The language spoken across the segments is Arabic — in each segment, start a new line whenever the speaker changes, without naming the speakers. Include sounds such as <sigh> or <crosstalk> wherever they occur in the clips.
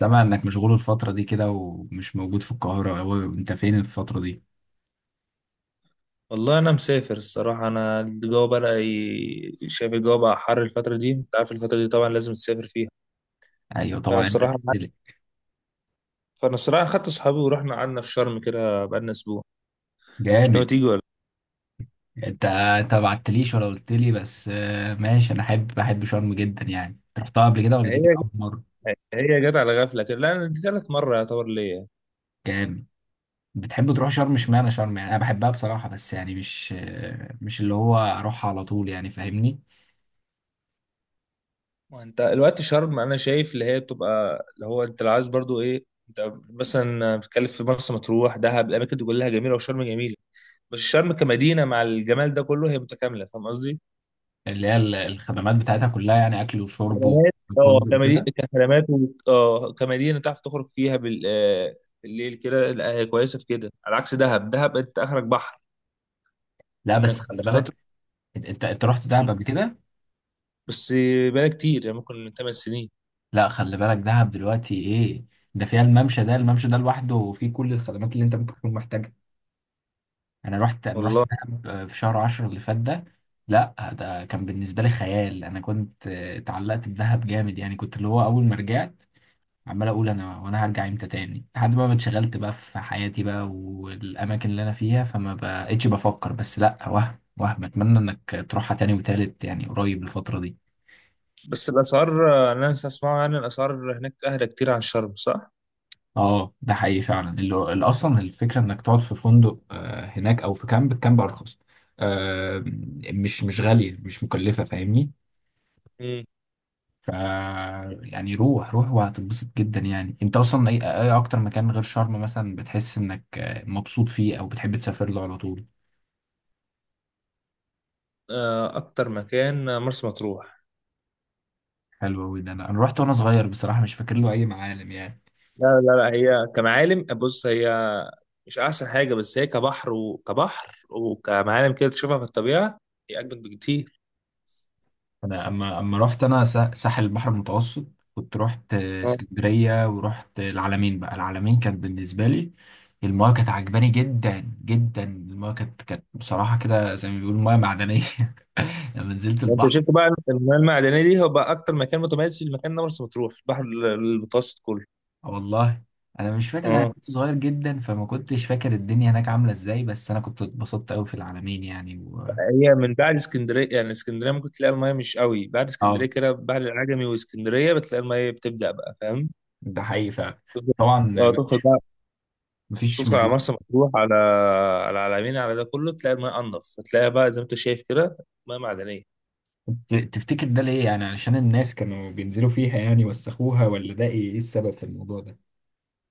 سامع انك مشغول الفترة دي كده ومش موجود في القاهرة، هو انت فين الفترة دي؟
والله، انا مسافر الصراحه. انا الجو شايف الجو بقى حر الفتره دي. انت عارف الفتره دي طبعا لازم تسافر فيها.
ايوه
فانا
طبعا انت
الصراحه
هتسلك.
فانا الصراحه خدت اصحابي ورحنا قعدنا في شرم كده بقالنا اسبوع. مش ناوي
جامد.
تيجي ولا
انت ما بعتليش ولا قلت لي. بس آه، ماشي. انا بحب شرم جدا، يعني أنت رحتها قبل كده ولا
إيه؟
دي كانت اول مرة؟
هي جت على غفله كده. لا، أنا دي ثالث مره يعتبر ليا.
جامد. بتحب تروح شرم؟ اشمعنى شرم؟ يعني انا بحبها بصراحة، بس يعني مش مش اللي هو اروحها على طول، يعني فاهمني؟
وانت الوقت شرم انا شايف اللي هي بتبقى اللي هو انت لو عايز برضو ايه. انت مثلا بتتكلم في مرسى مطروح، دهب، الاماكن دي كلها جميله، وشرم جميله. بس شرم كمدينه مع الجمال ده كله هي متكامله، فاهم قصدي.
اللي هي الخدمات بتاعتها كلها، يعني اكل وشرب
خدمات، اه،
وفندق
كمدينة
وكده.
كخدمات، كمدينة تعرف تخرج فيها بالليل كده. لا، هي كويسة في كده على عكس دهب انت اخرك بحر.
لا بس
انك
خلي
فترة.
بالك. انت أنت رحت
مم.
دهب قبل كده؟
بس بقى كتير، يعني ممكن من 8 سنين.
لا خلي بالك دهب دلوقتي ايه. ده فيها الممشى ده، الممشى ده لوحده فيه كل الخدمات اللي انت ممكن تكون محتاجها. انا رحت
والله.
دهب في شهر عشرة اللي فات ده. لا ده كان بالنسبة لي خيال. انا كنت اتعلقت بدهب جامد، يعني كنت اللي هو اول ما رجعت عمال اقول انا، وانا هرجع امتى تاني، لحد بقى ما اتشغلت بقى في حياتي بقى والاماكن اللي انا فيها، فما بقتش بفكر. بس لا، وهم اتمنى انك تروحها تاني وتالت، يعني قريب الفترة دي.
بس الاسعار، انا اسمعه، يعني الاسعار هناك اهدى كتير عن شرم، صح؟
اه ده حقيقي فعلا، اللي اصلا الفكره انك تقعد في فندق هناك او في كامب، الكامب ارخص. آه، مش غاليه، مش مكلفه، فاهمني؟
مم.
ف يعني روح وهتتبسط جدا. يعني انت اصلا اي اكتر مكان غير شرم مثلا بتحس انك مبسوط فيه او بتحب تسافر له على طول؟
اكتر مكان مرسى مطروح.
حلو قوي ده. انا رحت وانا صغير بصراحه، مش فاكر له اي معالم يعني.
لا لا لا، هي كمعالم. بص، هي مش احسن حاجة، بس هي كبحر وكبحر وكمعالم كده تشوفها في الطبيعة. هي اجمد بكتير.
انا اما رحت انا ساحل البحر المتوسط، كنت رحت اسكندريه ورحت العلمين، بقى العلمين كانت بالنسبه لي، المايه كانت عجباني جدا جدا. المايه كانت بصراحه كده زي ما بيقولوا مايه معدنيه. <laughs> لما نزلت
انت
البحر.
شفت بقى المياه المعدنيه دي، هو بقى اكتر مكان متميز في المكان ده مرسى مطروح في البحر المتوسط كله.
آه والله. انا مش فاكر ده، انا
اه.
كنت صغير جدا، فما كنتش فاكر الدنيا هناك عامله ازاي، بس انا كنت اتبسطت قوي في العلمين يعني و...
هي من بعد اسكندريه، يعني اسكندريه ممكن تلاقي المياه مش قوي. بعد اسكندريه
اه
كده، بعد العجمي واسكندريه، بتلاقي المياه بتبدا بقى، فاهم؟
ده حقيقي فعلا.
تفضل-
طبعا.
اه تدخل
مفيش،
بقى.
مفيش
تدخل على
مروح
مرسى مطروح، على على العلمين، على ده كله، تلاقي المياه انضف. هتلاقيها بقى زي ما انت شايف كده، مياه معدنيه.
تفتكر ده ليه؟ يعني علشان الناس كانوا بينزلوا فيها يعني وسخوها، ولا ده ايه، إيه السبب في الموضوع ده؟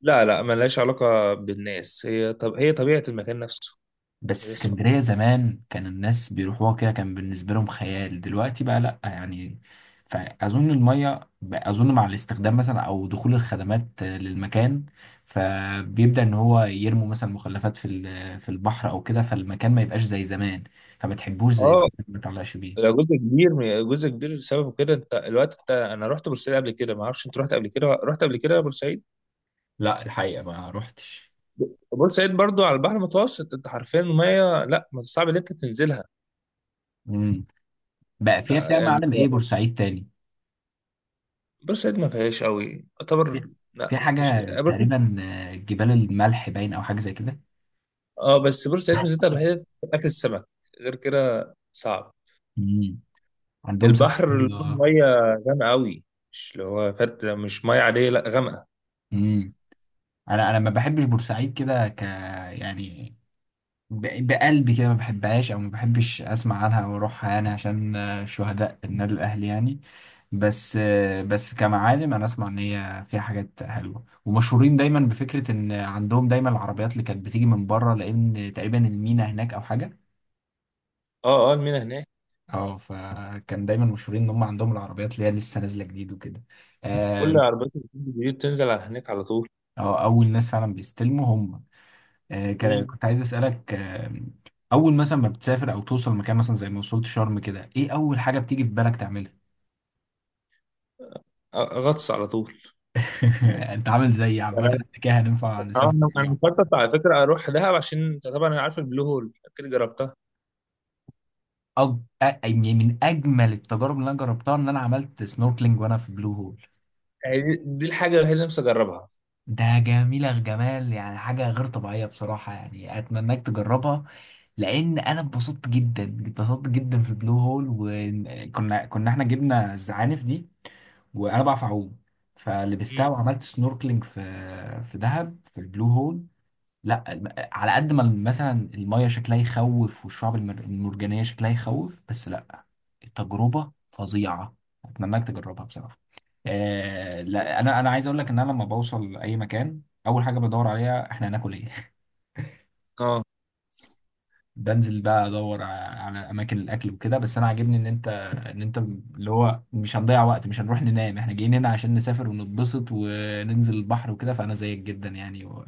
لا لا، ملهاش علاقه بالناس. هي طبيعه المكان نفسه.
بس
هي صح.
اسكندرية زمان كان الناس بيروحوها كده، كان بالنسبة لهم خيال، دلوقتي بقى لأ يعني. فأظن المية أظن مع الاستخدام مثلا أو دخول الخدمات للمكان، فبيبدأ إن هو يرموا مثلا مخلفات في في البحر أو كده، فالمكان ما يبقاش زي زمان، فما تحبوش زي زمان،
اه،
ما تعلقش بيه.
لو جزء كبير جزء كبير لسبب كده. انت الوقت انت انا رحت بورسعيد قبل كده، ما اعرفش انت رحت قبل كده بورسعيد؟
لا الحقيقة ما روحتش.
بورسعيد برضو على البحر المتوسط. انت حرفيا الميه لا، ما صعب ان انت تنزلها.
مم. بقى فيها،
لا
فيها
يعني،
معالم إيه بورسعيد تاني؟
بورسعيد ما فيهاش قوي
في،
يعتبر. لا،
في
ما فيهاش،
حاجة
بورسعيد.
تقريبا جبال الملح باين أو حاجة زي كده.
اه، بس بورسعيد ميزتها الوحيده اكل السمك. غير كده صعب.
مم. عندهم سمك
البحر،
حلو، اه.
الميه غامقه قوي. مش اللي هو فرد، مش ميه عاديه، لا غامقه.
مم. أنا ما بحبش بورسعيد كده، ك يعني، بقلبي كده ما بحبهاش، أو ما بحبش أسمع عنها أو أروحها يعني، عشان آه، شهداء النادي الأهلي يعني. بس آه، بس كمعالم أنا أسمع إن هي فيها حاجات حلوة، ومشهورين دايما بفكرة إن عندهم دايما العربيات اللي كانت بتيجي من بره، لأن تقريبا المينا هناك أو حاجة.
اه اه، المينا هناك.
اه فكان دايما مشهورين ان هم عندهم العربيات اللي هي لسه نازله جديد وكده.
كل
اه.
عربيات الجديد تنزل على هناك على طول.
آه، اول ناس فعلا بيستلموا هم. آه
مم.
كنت عايز اسالك آه، اول مثلا ما بتسافر او توصل مكان، مثلا زي ما وصلت شرم كده، ايه اول حاجه بتيجي في بالك تعملها؟
غطس على طول.
<laughs> انت عامل زيي. عامه
انا
إحنا كده هننفع
آه،
نسافر
انا
مع بعض.
أنا مخطط على فكره اروح دهب، عشان انت طبعا انا عارف البلو هول اكيد جربتها.
أج... يعني من اجمل التجارب اللي انا جربتها ان انا عملت سنوركلينج وانا في بلو هول.
يعني دي دي الحاجه الوحيده اللي نفسي اجربها.
ده جميلة، جمال يعني، حاجة غير طبيعية بصراحة، يعني أتمناك تجربها. لأن أنا اتبسطت جدا، اتبسطت جدا في البلو هول. وكنا احنا جبنا الزعانف دي، وأنا بعرف أعوم، فلبستها
مم.
وعملت سنوركلينج في، في دهب، في البلو هول. لا على قد ما مثلا المية شكلها يخوف، والشعب المرجانية شكلها يخوف، بس لا، التجربة فظيعة، اتمناك تجربها بصراحة. آه لا، انا عايز اقول لك ان انا لما بوصل اي مكان، اول حاجة بدور عليها احنا هناكل ايه. <laughs>
اه
بنزل بقى ادور على اماكن الاكل وكده. بس انا عاجبني ان انت اللي هو مش هنضيع وقت، مش هنروح ننام، احنا جايين هنا عشان نسافر ونتبسط وننزل البحر وكده، فانا زيك جدا يعني و-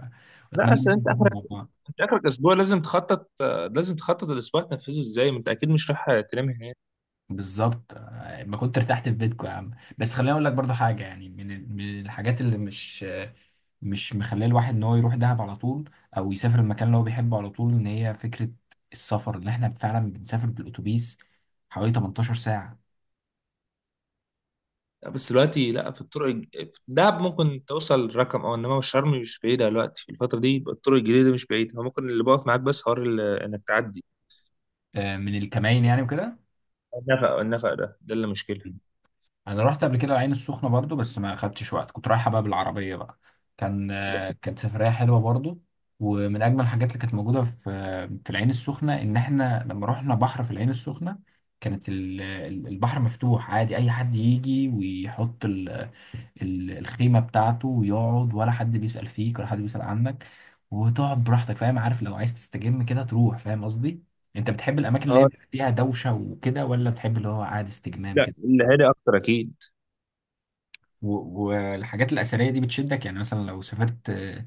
لا،
واتمنى ان
اصل
احنا
انت
نسافر
اخرك
مع بعض.
انت اخرك اسبوع، لازم تخطط، لازم تخطط الاسبوع تنفذه ازاي. ما انت اكيد مش رايح تنام هناك.
بالظبط. آه، ما كنت ارتحت في بيتكم يا عم. بس خليني اقول لك برضو حاجه، يعني من من الحاجات اللي مش مش مخليه الواحد ان هو يروح دهب على طول، او يسافر المكان اللي هو بيحبه على طول، ان هي فكره السفر اللي احنا فعلا بنسافر بالاتوبيس حوالي 18 ساعه.
لا، بس دلوقتي لا. في دهب ممكن توصل رقم. او انما شرم مش بعيده دلوقتي في الفتره دي، يبقى الطرق الجديده مش بعيده. هو ممكن اللي بقف معاك بس حوار انك تعدي.
آه، من الكماين يعني وكده.
النفق ده اللي مشكله.
انا رحت قبل كده العين السخنه برضو، بس ما اخدتش وقت، كنت رايحه بقى بالعربيه بقى. كان آه، كانت سفريه حلوه برضو. ومن اجمل الحاجات اللي كانت موجوده في في العين السخنه، ان احنا لما رحنا بحر في العين السخنه، كانت البحر مفتوح عادي، اي حد يجي ويحط الخيمه بتاعته ويقعد، ولا حد بيسال فيك ولا حد بيسال عنك، وتقعد براحتك، فاهم؟ عارف لو عايز تستجم كده تروح، فاهم قصدي؟ انت بتحب الاماكن اللي هي
اه
بيبقى فيها دوشه وكده، ولا بتحب اللي هو قاعد استجمام
لا،
كده؟
اللي هادي اكتر اكيد.
و- والحاجات الأثرية دي بتشدك؟ يعني مثلا لو سافرت آه،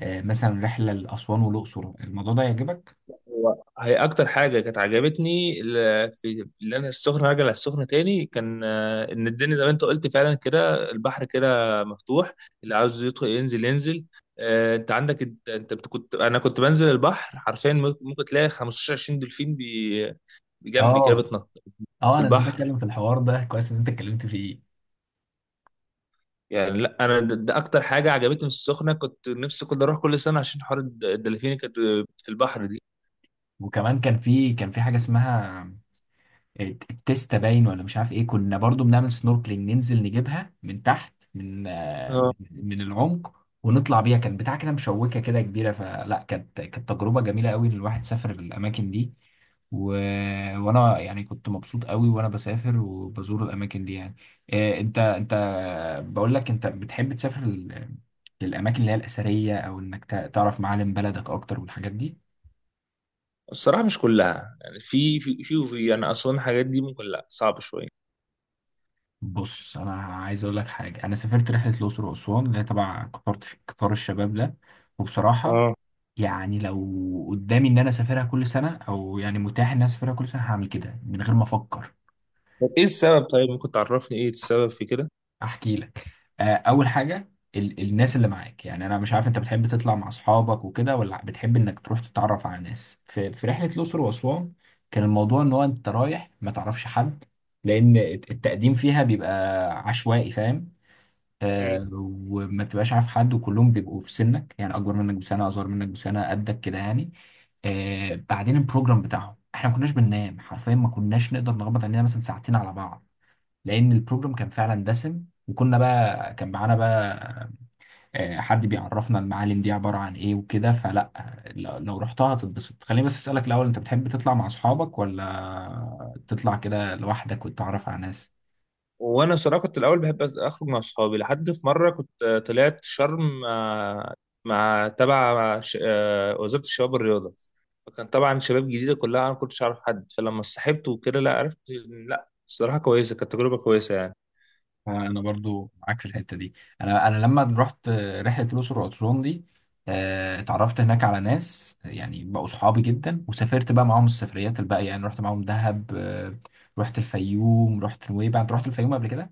مثلا رحلة لأسوان والأقصر، الموضوع ده يعجبك؟
هي اكتر حاجه كانت عجبتني في اللي انا السخنه، راجع على السخنه تاني. كان ان الدنيا زي ما انت قلت فعلا كده، البحر كده مفتوح، اللي عاوز يدخل ينزل ينزل. آه، انت عندك انت أنت بت- كنت انا كنت بنزل البحر حرفيا. ممكن تلاقي 15 20 دولفين بجنبي كده
اه.
بتنط
اه
في
انا نسيت
البحر.
اتكلم في الحوار ده، كويس ان انت اتكلمت فيه.
يعني لا، انا ده اكتر حاجه عجبتني في السخنه. كنت نفسي كنت اروح كل سنه عشان حوار الدلافين اللي كانت في البحر دي.
وكمان كان في، كان في حاجه اسمها التيستا باين ولا مش عارف ايه، كنا برضو بنعمل سنوركلينج ننزل نجيبها من تحت من من العمق ونطلع بيها. كان بتاع كده مشوكه كده كبيره، فلا كانت تجربه جميله قوي ان الواحد سافر الاماكن دي و... وانا يعني كنت مبسوط قوي وانا بسافر وبزور الاماكن دي يعني. إيه انت بقول لك، انت بتحب تسافر للاماكن اللي هي الاثريه؟ او انك تعرف معالم بلدك اكتر والحاجات دي؟
الصراحة مش كلها، يعني في في في وفي انا اصلا الحاجات دي ممكن، لا صعب شوية.
بص انا عايز اقول لك حاجه، انا سافرت رحله الاقصر واسوان اللي هي تبع قطار، قطار الشباب ده، وبصراحه
اه.
يعني لو قدامي ان انا اسافرها كل سنه، او يعني متاح ان انا اسافرها كل سنه، هعمل كده من غير ما افكر.
طب ايه السبب؟ طيب ممكن تعرفني ايه السبب في كده؟
احكي لك. آه، اول حاجه ال الناس اللي معاك، يعني انا مش عارف انت بتحب تطلع مع اصحابك وكده ولا بتحب انك تروح تتعرف على ناس؟ في، في رحله الاقصر واسوان كان الموضوع ان هو انت رايح ما تعرفش حد، لان التقديم فيها بيبقى عشوائي، فاهم؟
مم.
آه، وما بتبقاش عارف حد، وكلهم بيبقوا في سنك يعني، اكبر منك بسنه، اصغر منك بسنه، قدك كده يعني. آه، بعدين البروجرام بتاعهم احنا ما كناش بننام، حرفيا ما كناش نقدر نغمض عينينا مثلا ساعتين على بعض، لان البروجرام كان فعلا دسم. وكنا بقى، كان معانا بقى آه، حد بيعرفنا المعالم دي عباره عن ايه وكده، فلا، لو رحتها هتتبسط. خليني بس اسالك الاول، انت بتحب تطلع مع اصحابك ولا تطلع كده لوحدك وتتعرف على ناس؟
وانا صراحة كنت الاول بحب اخرج مع اصحابي، لحد في مرة كنت، طلعت شرم مع تبع وزارة الشباب والرياضة. فكان طبعا شباب جديدة كلها، انا ما كنتش اعرف حد. فلما صاحبت وكده لا، عرفت إن لا الصراحة كويسة، كانت تجربة كويسة يعني.
انا برضو معاك في الحته دي. انا لما رحت رحله الاقصر واسوان دي آه، اتعرفت هناك على ناس يعني بقوا صحابي جدا، وسافرت بقى معاهم السفريات الباقيه يعني. رحت معاهم دهب، آه، رحت الفيوم، رحت نويبع. انت رحت الفيوم قبل كده؟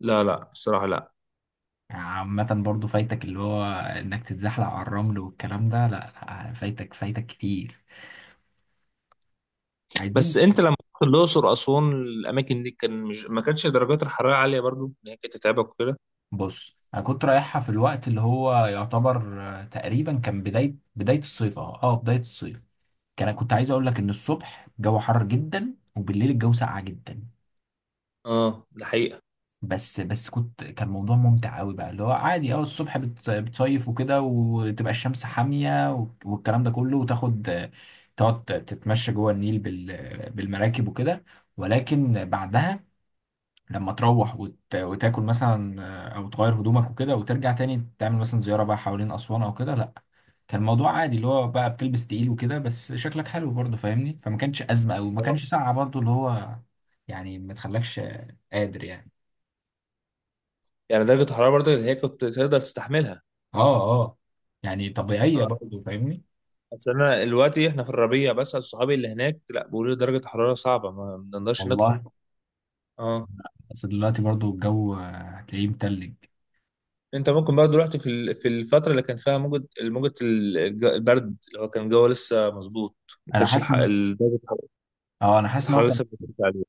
لا لا، الصراحة لا.
عامه برضو فايتك اللي هو انك تتزحلق على الرمل والكلام ده، لا لا فايتك، فايتك كتير. عايزين.
بس انت لما رحت الاقصر اسوان الاماكن دي، كان مش، ما كانتش درجات الحراره عاليه برضو ان هي كانت تتعبك وكده؟
بص انا كنت رايحها في الوقت اللي هو يعتبر آه، تقريبا كان بدايه، بدايه الصيف، اه اه بدايه الصيف. كان كنت عايز اقول لك ان الصبح الجو حر جدا، وبالليل الجو ساقع جدا.
اه، ده حقيقه.
بس كنت، كان موضوع ممتع قوي بقى، اللي هو عادي اه الصبح بتصيف وكده، وتبقى الشمس حاميه والكلام ده كله، وتاخد آه، تقعد تتمشى جوه النيل بالمراكب وكده. ولكن بعدها لما تروح وتاكل مثلا آه، او تغير هدومك وكده، وترجع تاني تعمل مثلا زيارة بقى حوالين اسوان او كده، لا كان الموضوع عادي، اللي هو بقى بتلبس تقيل وكده بس شكلك حلو برضه، فاهمني؟ فما كانش ازمة قوي، وما
آه.
كانش ساقعة برضه، اللي هو يعني ما تخلكش قادر يعني.
يعني درجه الحراره برضو اللي هي كنت تقدر تستحملها.
اه اه، يعني طبيعية
اه.
برضه، فاهمني؟
اصل انا دلوقتي احنا في الربيع، بس صحابي اللي هناك لا بيقولوا لي درجه الحراره صعبه، ما نقدرش نطلع.
والله،
اه.
بس دلوقتي برضه الجو آه، هتلاقيه متلج.
انت ممكن برضو رحت في ال، في الفتره اللي كان فيها موجة، الموجة البرد، اللي هو كان الجو لسه مظبوط. ما
انا
كانش
حاسس ان،
درجه
اه انا حاسس ان هو
الحراره
كان،
لسه بترجع عليه.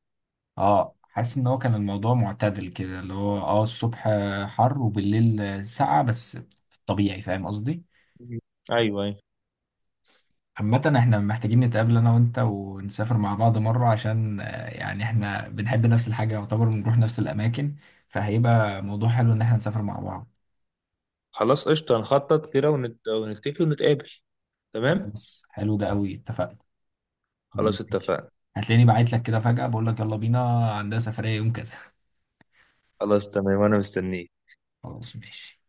اه حاسس ان هو كان الموضوع معتدل كده، اللي هو اه الصبح حر وبالليل ساقعة، بس في الطبيعي، فاهم قصدي؟
مم. ايوه ايوه.
عامة احنا محتاجين نتقابل انا وانت ونسافر مع بعض مرة، عشان آه، يعني احنا بنحب نفس الحاجة يعتبر، بنروح نفس الاماكن، فهيبقى موضوع حلو ان احنا نسافر مع بعض.
خلاص، قشطة، هنخطط كده ونتفق ونتقابل. تمام.
خلاص حلو ده قوي، اتفقنا.
خلاص
ماشي.
اتفقنا.
هتلاقيني بعت لك كده فجأة بقول لك يلا بينا، عندها سفرية يوم كذا.
خلاص تمام، وانا مستنيك.
خلاص ماشي.